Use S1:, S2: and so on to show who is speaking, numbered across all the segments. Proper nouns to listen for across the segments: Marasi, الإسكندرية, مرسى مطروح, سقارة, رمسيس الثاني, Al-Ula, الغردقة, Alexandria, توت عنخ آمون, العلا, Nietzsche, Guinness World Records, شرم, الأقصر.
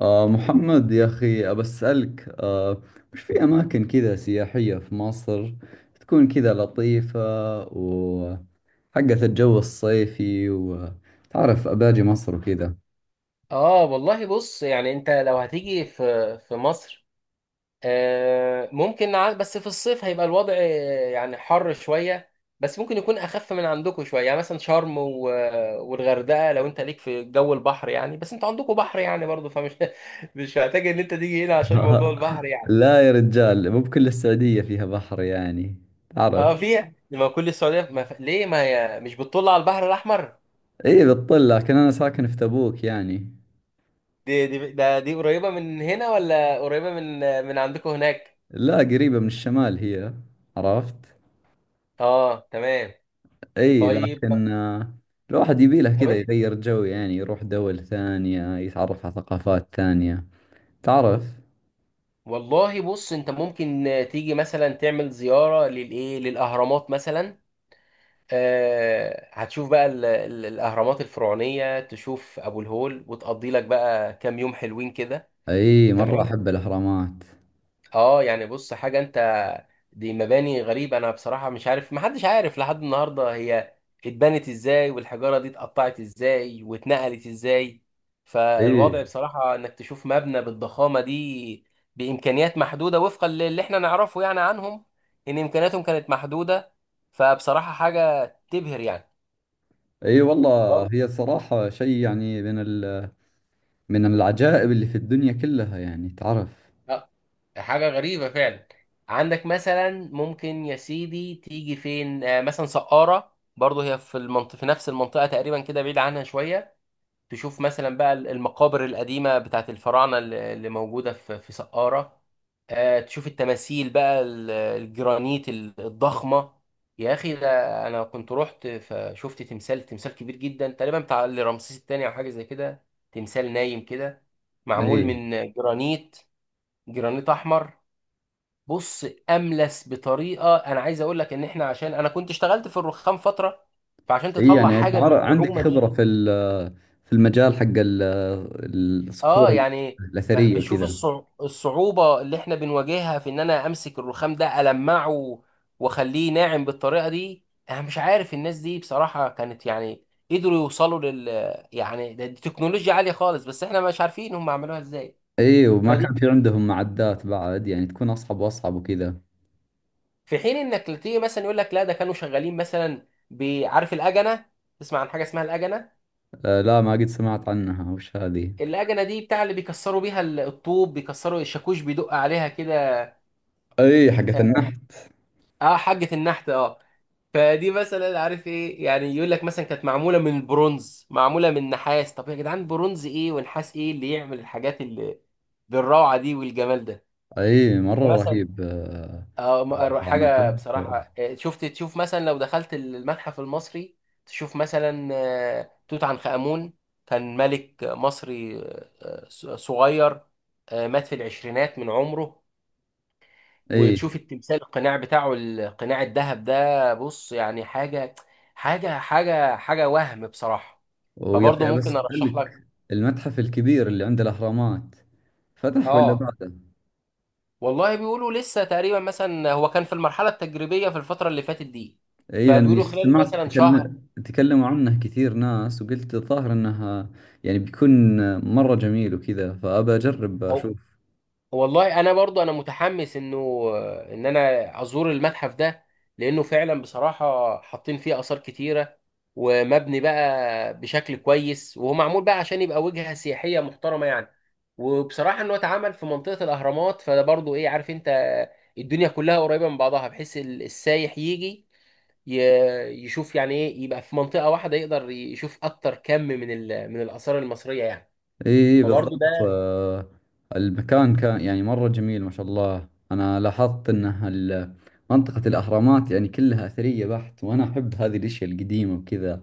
S1: محمد يا أخي أبسألك وش في أماكن كذا سياحية في مصر تكون كذا لطيفة، وحقت الجو الصيفي، وتعرف أباجي مصر وكذا.
S2: اه والله بص، يعني انت لو هتيجي في مصر ممكن بس في الصيف هيبقى الوضع يعني حر شويه. بس ممكن يكون اخف من عندكم شويه، يعني مثلا شرم والغردقه، لو انت ليك في جو البحر يعني. بس انتوا عندكم بحر يعني برضه، فمش مش محتاج ان انت تيجي هنا عشان موضوع البحر يعني.
S1: لا يا رجال، مو بكل السعودية فيها بحر يعني، تعرف.
S2: اه فيها، ما كل السعوديه ما ليه ما هي مش بتطل على البحر الاحمر؟
S1: إيه بتطل، لكن أنا ساكن في تبوك يعني.
S2: دي قريبه من هنا ولا قريبه من من عندكم هناك؟
S1: لا، قريبة من الشمال هي، عرفت.
S2: اه تمام.
S1: اي،
S2: طيب
S1: لكن الواحد يبي له
S2: طب
S1: كذا
S2: انت،
S1: يغير جو، يعني يروح دول ثانية يتعرف على ثقافات ثانية، تعرف.
S2: والله بص انت ممكن تيجي مثلا تعمل زيارة للاهرامات مثلا. آه هتشوف بقى الاهرامات الفرعونية، تشوف ابو الهول وتقضي لك بقى كام يوم حلوين كده.
S1: اي، مرة
S2: تمام.
S1: احب الاهرامات.
S2: اه يعني بص، حاجة انت دي مباني غريبة. انا بصراحة مش عارف، محدش عارف لحد النهاردة هي اتبنت ازاي والحجارة دي اتقطعت ازاي واتنقلت ازاي.
S1: اي،
S2: فالوضع بصراحة انك تشوف مبنى بالضخامة دي بامكانيات محدودة وفقا للي احنا نعرفه يعني عنهم، ان امكانياتهم كانت محدودة، فبصراحة حاجة تبهر يعني.
S1: اي، والله هي الصراحة شيء يعني من العجائب اللي في الدنيا كلها يعني، تعرف.
S2: لا، حاجة غريبة فعلا. عندك مثلا ممكن يا سيدي تيجي فين، مثلا سقارة برضه، هي في المنطقة في نفس المنطقة تقريبا كده، بعيد عنها شوية. تشوف مثلا بقى المقابر القديمة بتاعت الفراعنة اللي موجودة في سقارة. تشوف التماثيل بقى الجرانيت الضخمة. يا أخي ده أنا كنت رحت فشفت تمثال كبير جدا، تقريبا بتاع رمسيس التاني أو حاجة زي كده. تمثال نايم كده،
S1: اي،
S2: معمول من جرانيت، جرانيت احمر. بص، املس بطريقه انا عايز اقول لك ان احنا، عشان انا كنت اشتغلت في الرخام فتره، فعشان
S1: اي
S2: تطلع
S1: يعني،
S2: حاجه
S1: تعرف عندك
S2: بالصعوبه
S1: خبرة
S2: دي.
S1: في المجال حق
S2: اه
S1: الصخور
S2: يعني، ما
S1: الأثرية
S2: بشوف
S1: وكذا.
S2: الصعوبه اللي احنا بنواجهها في ان انا امسك الرخام ده المعه واخليه ناعم بالطريقه دي، انا مش عارف الناس دي بصراحه كانت يعني قدروا يوصلوا لل، يعني دي تكنولوجيا عاليه خالص، بس احنا مش عارفين هم عملوها ازاي.
S1: اي، وما كان في عندهم معدات بعد يعني، تكون اصعب واصعب وكذا.
S2: في حين انك تيجي مثلا يقول لك لا، ده كانوا شغالين مثلا بعارف الاجنه. تسمع عن حاجه اسمها الاجنه؟
S1: آه، لا، ما قد سمعت عنها، وش هذه؟
S2: الاجنه دي بتاع اللي بيكسروا بيها الطوب، بيكسروا الشاكوش بيدق عليها كده.
S1: اي، حقت
S2: اه،
S1: النحت.
S2: حاجه النحت اه. فدي مثلا عارف ايه يعني، يقول لك مثلا كانت معموله من البرونز، معموله من نحاس. طب يا جدعان، برونز ايه ونحاس ايه اللي يعمل الحاجات اللي بالروعه دي والجمال ده؟
S1: اي، مرة
S2: ده مثلا،
S1: رهيب.
S2: اه
S1: صراحة انا
S2: حاجة
S1: احب.
S2: بصراحة. شفت تشوف مثلا لو دخلت المتحف المصري، تشوف مثلا توت عنخ آمون، كان ملك مصري، صغير، مات في العشرينات من عمره،
S1: اي،
S2: وتشوف التمثال القناع بتاعه، القناع الذهب ده، بص يعني حاجة، حاجة وهم بصراحة.
S1: ويا
S2: فبرضه
S1: اخي ابى
S2: ممكن ارشح لك.
S1: اسالك، المتحف الكبير اللي عند الاهرامات فتح ولا
S2: اه
S1: بعده؟
S2: والله بيقولوا لسه، تقريبا مثلا هو كان في المرحلة التجريبية في الفترة اللي فاتت دي،
S1: اي، لاني
S2: فبيقولوا خلال
S1: سمعت
S2: مثلا شهر.
S1: تكلموا عنه كثير ناس، وقلت الظاهر انها يعني بيكون مرة جميل وكذا، فابى اجرب
S2: هو
S1: اشوف.
S2: والله انا برضو انا متحمس انه ان انا ازور المتحف ده، لانه فعلا بصراحه حاطين فيه اثار كتيره، ومبني بقى بشكل كويس، وهو معمول بقى عشان يبقى وجهه سياحيه محترمه يعني. وبصراحه انه اتعمل في منطقه الاهرامات، فده برضو ايه، عارف انت، الدنيا كلها قريبه من بعضها، بحيث السايح يجي ي- يشوف يعني ايه، يبقى في منطقه واحده يقدر يشوف اكتر كم من من الاثار المصريه يعني.
S1: اي
S2: فبرضو
S1: بالضبط
S2: ده.
S1: آه، المكان كان يعني مرة جميل ما شاء الله. انا لاحظت انه منطقة الاهرامات يعني كلها اثرية بحت، وانا احب هذه الاشياء القديمة وكذا.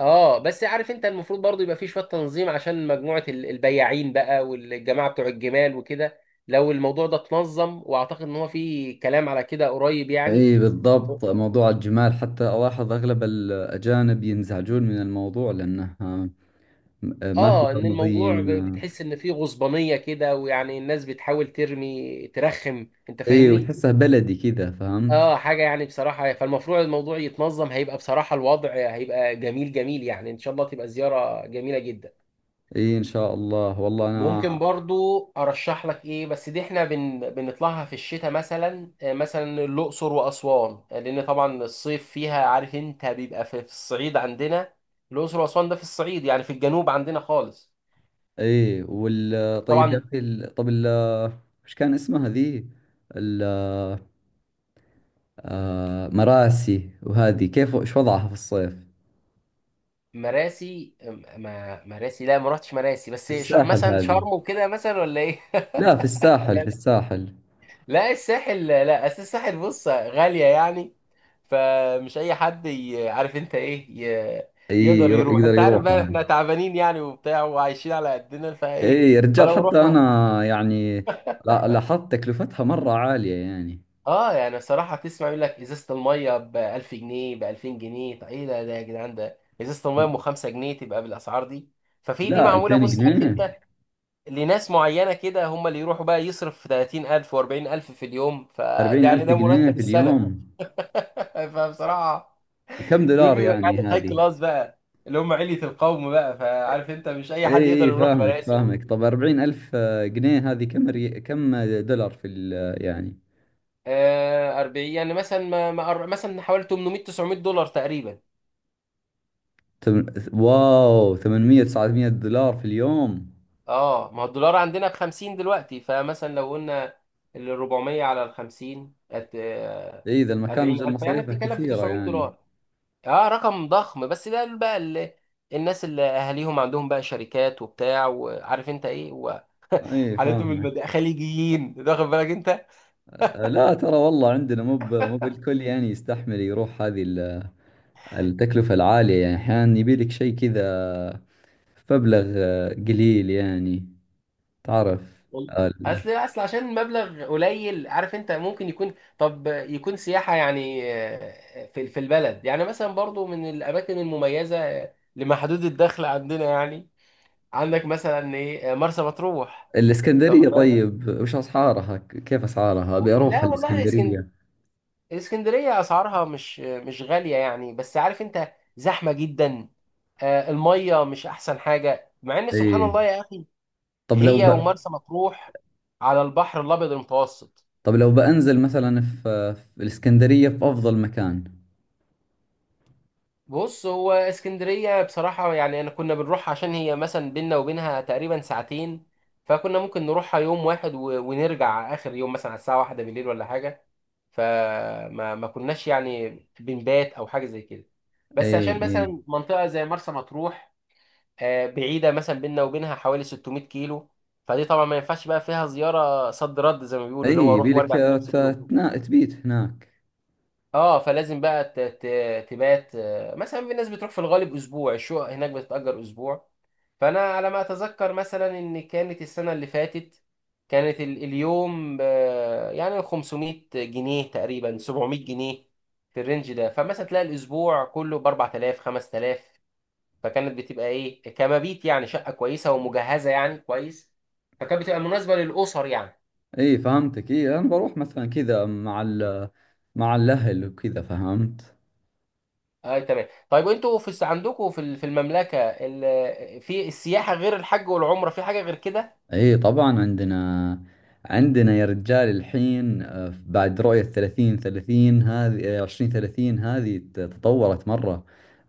S2: اه بس عارف انت، المفروض برضو يبقى فيه شويه تنظيم عشان مجموعه البياعين بقى والجماعه بتوع الجمال وكده. لو الموضوع ده اتنظم، واعتقد ان هو فيه كلام على كده قريب يعني.
S1: اي بالضبط، موضوع الجمال حتى الاحظ اغلب الاجانب ينزعجون من الموضوع لانه، ما في
S2: اه ان
S1: تنظيم.
S2: الموضوع بتحس ان فيه غصبانيه كده، ويعني الناس بتحاول ترمي ترخم، انت
S1: اي،
S2: فاهمني.
S1: وتحسه بلدي كذا، فهمت.
S2: اه حاجه يعني بصراحه، فالمفروض الموضوع يتنظم، هيبقى بصراحه الوضع هيبقى جميل يعني، ان شاء الله تبقى زياره جميله جدا.
S1: اي، ان شاء الله، والله
S2: ممكن
S1: انا.
S2: برضو ارشح لك ايه، بس دي احنا بنطلعها في الشتاء مثلا، مثلا الاقصر واسوان، لان طبعا الصيف فيها، عارف انت بيبقى في الصعيد عندنا. الاقصر واسوان ده في الصعيد، يعني في الجنوب عندنا خالص.
S1: اي، طيب يا
S2: طبعا.
S1: اخي، طب وش كان اسمها ذي، ال- مراسي، وهذه كيف ايش وضعها في الصيف؟
S2: مراسي ما مراسي لا، ما رحتش مراسي،
S1: في
S2: بس
S1: الساحل
S2: مثلا
S1: هذه.
S2: شرم وكده مثلا ولا ايه.
S1: لا، في الساحل في الساحل
S2: لا الساحل، لا أصل الساحل بص غالية يعني، فمش أي حد عارف أنت إيه ي-
S1: اي،
S2: يقدر يروح.
S1: يقدر
S2: أنت عارف
S1: يروح
S2: بقى
S1: لها.
S2: إحنا تعبانين يعني وبتاع وعايشين على قدنا، فإيه،
S1: اي، يا رجال،
S2: فلو
S1: حتى
S2: رحنا.
S1: انا يعني لاحظت تكلفتها مرة عالية يعني.
S2: آه يعني الصراحة تسمع يقول لك إزازة المية ب 1000 جنيه، ب 2000 جنيه، طب إيه ده؟ ده يا جدعان، ده إزازة المية أم 5 جنيه تبقى بالأسعار دي؟ ففي دي
S1: لا،
S2: معمولة،
S1: 2000
S2: بص عارف
S1: جنيه
S2: أنت، لناس معينة كده، هم اللي يروحوا بقى يصرف 30000 و40000 في اليوم. فده
S1: 40 ألف
S2: يعني ده
S1: جنيه
S2: مرتب
S1: في
S2: السنة.
S1: اليوم؟
S2: فبصراحة
S1: كم
S2: دول
S1: دولار
S2: بيبقى
S1: يعني
S2: قاعدين هاي
S1: هذه؟
S2: كلاس بقى، اللي هم علية القوم بقى. فعارف انت مش اي
S1: اي،
S2: حد يقدر
S1: اي،
S2: يروح
S1: فاهمك
S2: مراسي
S1: فاهمك.
S2: و...
S1: طب 40 ألف جنيه هذه كم دولار يعني
S2: آه 40 يعني مثلا، ما ما مثلا حوالي 800 900 دولار تقريبا.
S1: تم... واو، 800 900 دولار في اليوم!
S2: اه ما هو الدولار عندنا ب 50 دلوقتي، فمثلا لو قلنا ال 400 على ال 50 آه
S1: اي، ذا المكان اجل
S2: 40000 يعني
S1: مصاريفه
S2: بتتكلم في
S1: كثيرة
S2: 900
S1: يعني.
S2: دولار اه رقم ضخم، بس ده بقى اللي، الناس اللي اهاليهم عندهم بقى شركات وبتاع، وعارف انت ايه وحالتهم،
S1: اي، فاهمك
S2: خليجيين، واخد بالك انت.
S1: آه، لا، ترى والله عندنا مو بالكل يعني يستحمل يروح هذه التكلفة العالية، يعني احيانا يبي لك شيء كذا مبلغ قليل يعني، تعرف
S2: وال-
S1: آه، ال-
S2: اصل عشان المبلغ قليل، عارف انت ممكن يكون طب يكون سياحه يعني في البلد يعني، مثلا برضو من الاماكن المميزه لمحدود الدخل عندنا يعني. عندك مثلا ايه، مرسى مطروح. أنت
S1: الاسكندرية،
S2: واخد بالك.
S1: طيب وش اسعارها، كيف اسعارها؟ ابي اروح
S2: لا والله اسكن،
S1: الاسكندرية.
S2: اسكندريه اسعارها مش غاليه يعني، بس عارف انت زحمه جدا، الميه مش احسن حاجه، مع ان سبحان
S1: اي،
S2: الله يا اخي
S1: طب لو
S2: هي ومرسى مطروح على البحر الابيض المتوسط.
S1: طب لو بنزل مثلا في الاسكندرية في افضل مكان.
S2: بص هو اسكندرية بصراحة يعني، أنا كنا بنروح عشان هي مثلا بينا وبينها تقريبا ساعتين، فكنا ممكن نروحها يوم واحد ونرجع آخر يوم مثلا على الساعة واحدة بالليل ولا حاجة. فما ما كناش يعني بنبات أو حاجة زي كده.
S1: اي،
S2: بس عشان
S1: اي،
S2: مثلا منطقة زي مرسى مطروح، بعيدة، مثلا بينا وبينها حوالي 600 كيلو، فدي طبعا ما ينفعش بقى فيها زيارة صد رد زي ما بيقولوا،
S1: اي،
S2: اللي هو
S1: يبي
S2: أروح
S1: لك
S2: وأرجع في نفس اليوم.
S1: تبيت هناك.
S2: اه فلازم بقى تبات، مثلا في ناس بتروح في الغالب اسبوع، الشقق هناك بتتأجر اسبوع. فانا على ما اتذكر مثلا ان كانت السنه اللي فاتت كانت اليوم يعني 500 جنيه تقريبا، 700 جنيه في الرينج ده. فمثلا تلاقي الاسبوع كله ب 4000 5000، فكانت بتبقى ايه كمبيت يعني، شقه كويسه ومجهزه يعني كويس، فكانت بتبقى مناسبه للاسر يعني.
S1: اي، فهمتك. اي، انا بروح مثلا كذا مع الاهل وكذا، فهمت.
S2: اه تمام. طيب انتوا عندكم في المملكه في السياحه، غير الحج والعمره، في حاجه غير كده؟
S1: اي، طبعا عندنا يا رجال، الحين، بعد رؤية ثلاثين ثلاثين هذه، عشرين ثلاثين هذه تطورت مرة.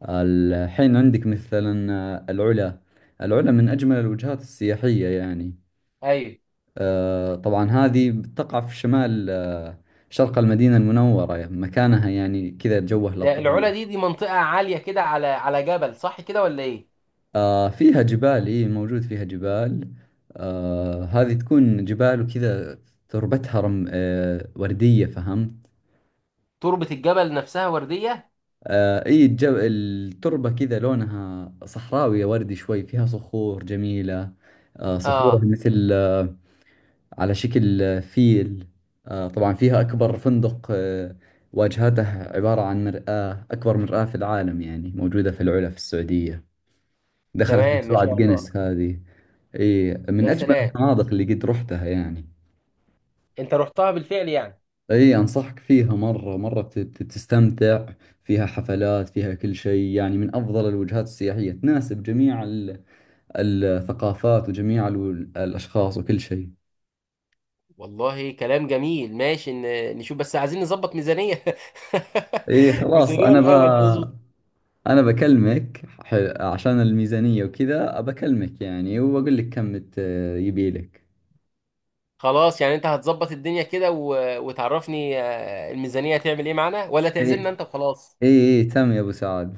S1: الحين عندك مثلا، العلا، العلا من أجمل الوجهات السياحية يعني.
S2: ايوه.
S1: طبعا هذه تقع في شمال شرق المدينة المنورة، مكانها يعني كذا جوه
S2: ده
S1: لطيف.
S2: العلا، دي منطقه عاليه كده على على جبل، صح كده ولا ايه؟
S1: آه، فيها جبال، إيه، موجود فيها جبال. آه، هذه تكون جبال وكذا. تربتها رم آه وردية، فهمت.
S2: تربه الجبل نفسها ورديه؟
S1: آه، إيه، التربة كذا لونها صحراوية، وردي شوي، فيها صخور جميلة. صخورها
S2: اه
S1: مثل على شكل فيل. طبعا فيها أكبر فندق واجهته عبارة عن مرآة، أكبر مرآة في العالم يعني، موجودة في العلا في السعودية، دخلت
S2: تمام ما
S1: موسوعة
S2: شاء الله.
S1: جينيس هذه. اي، من
S2: يا
S1: اجمل
S2: سلام،
S1: الفنادق اللي قد رحتها يعني.
S2: انت رحتها بالفعل يعني.
S1: اي، انصحك فيها، مرة مرة بتستمتع. فيها حفلات، فيها كل شيء يعني، من افضل الوجهات السياحية، تناسب جميع الثقافات وجميع الاشخاص وكل شيء.
S2: والله كلام جميل. ماشي، نشوف، بس عايزين نظبط ميزانيه.
S1: اي، خلاص،
S2: ميزانيه
S1: انا ب...
S2: الاول تظبط.
S1: انا بكلمك، عشان الميزانية وكذا بكلمك يعني، واقول لك كم يبي لك.
S2: خلاص يعني انت هتظبط الدنيا كده، و... وتعرفني الميزانيه هتعمل ايه معانا، ولا
S1: اي،
S2: تعزمنا انت وخلاص.
S1: اي، إي، تم يا ابو سعد.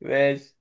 S2: ماشي.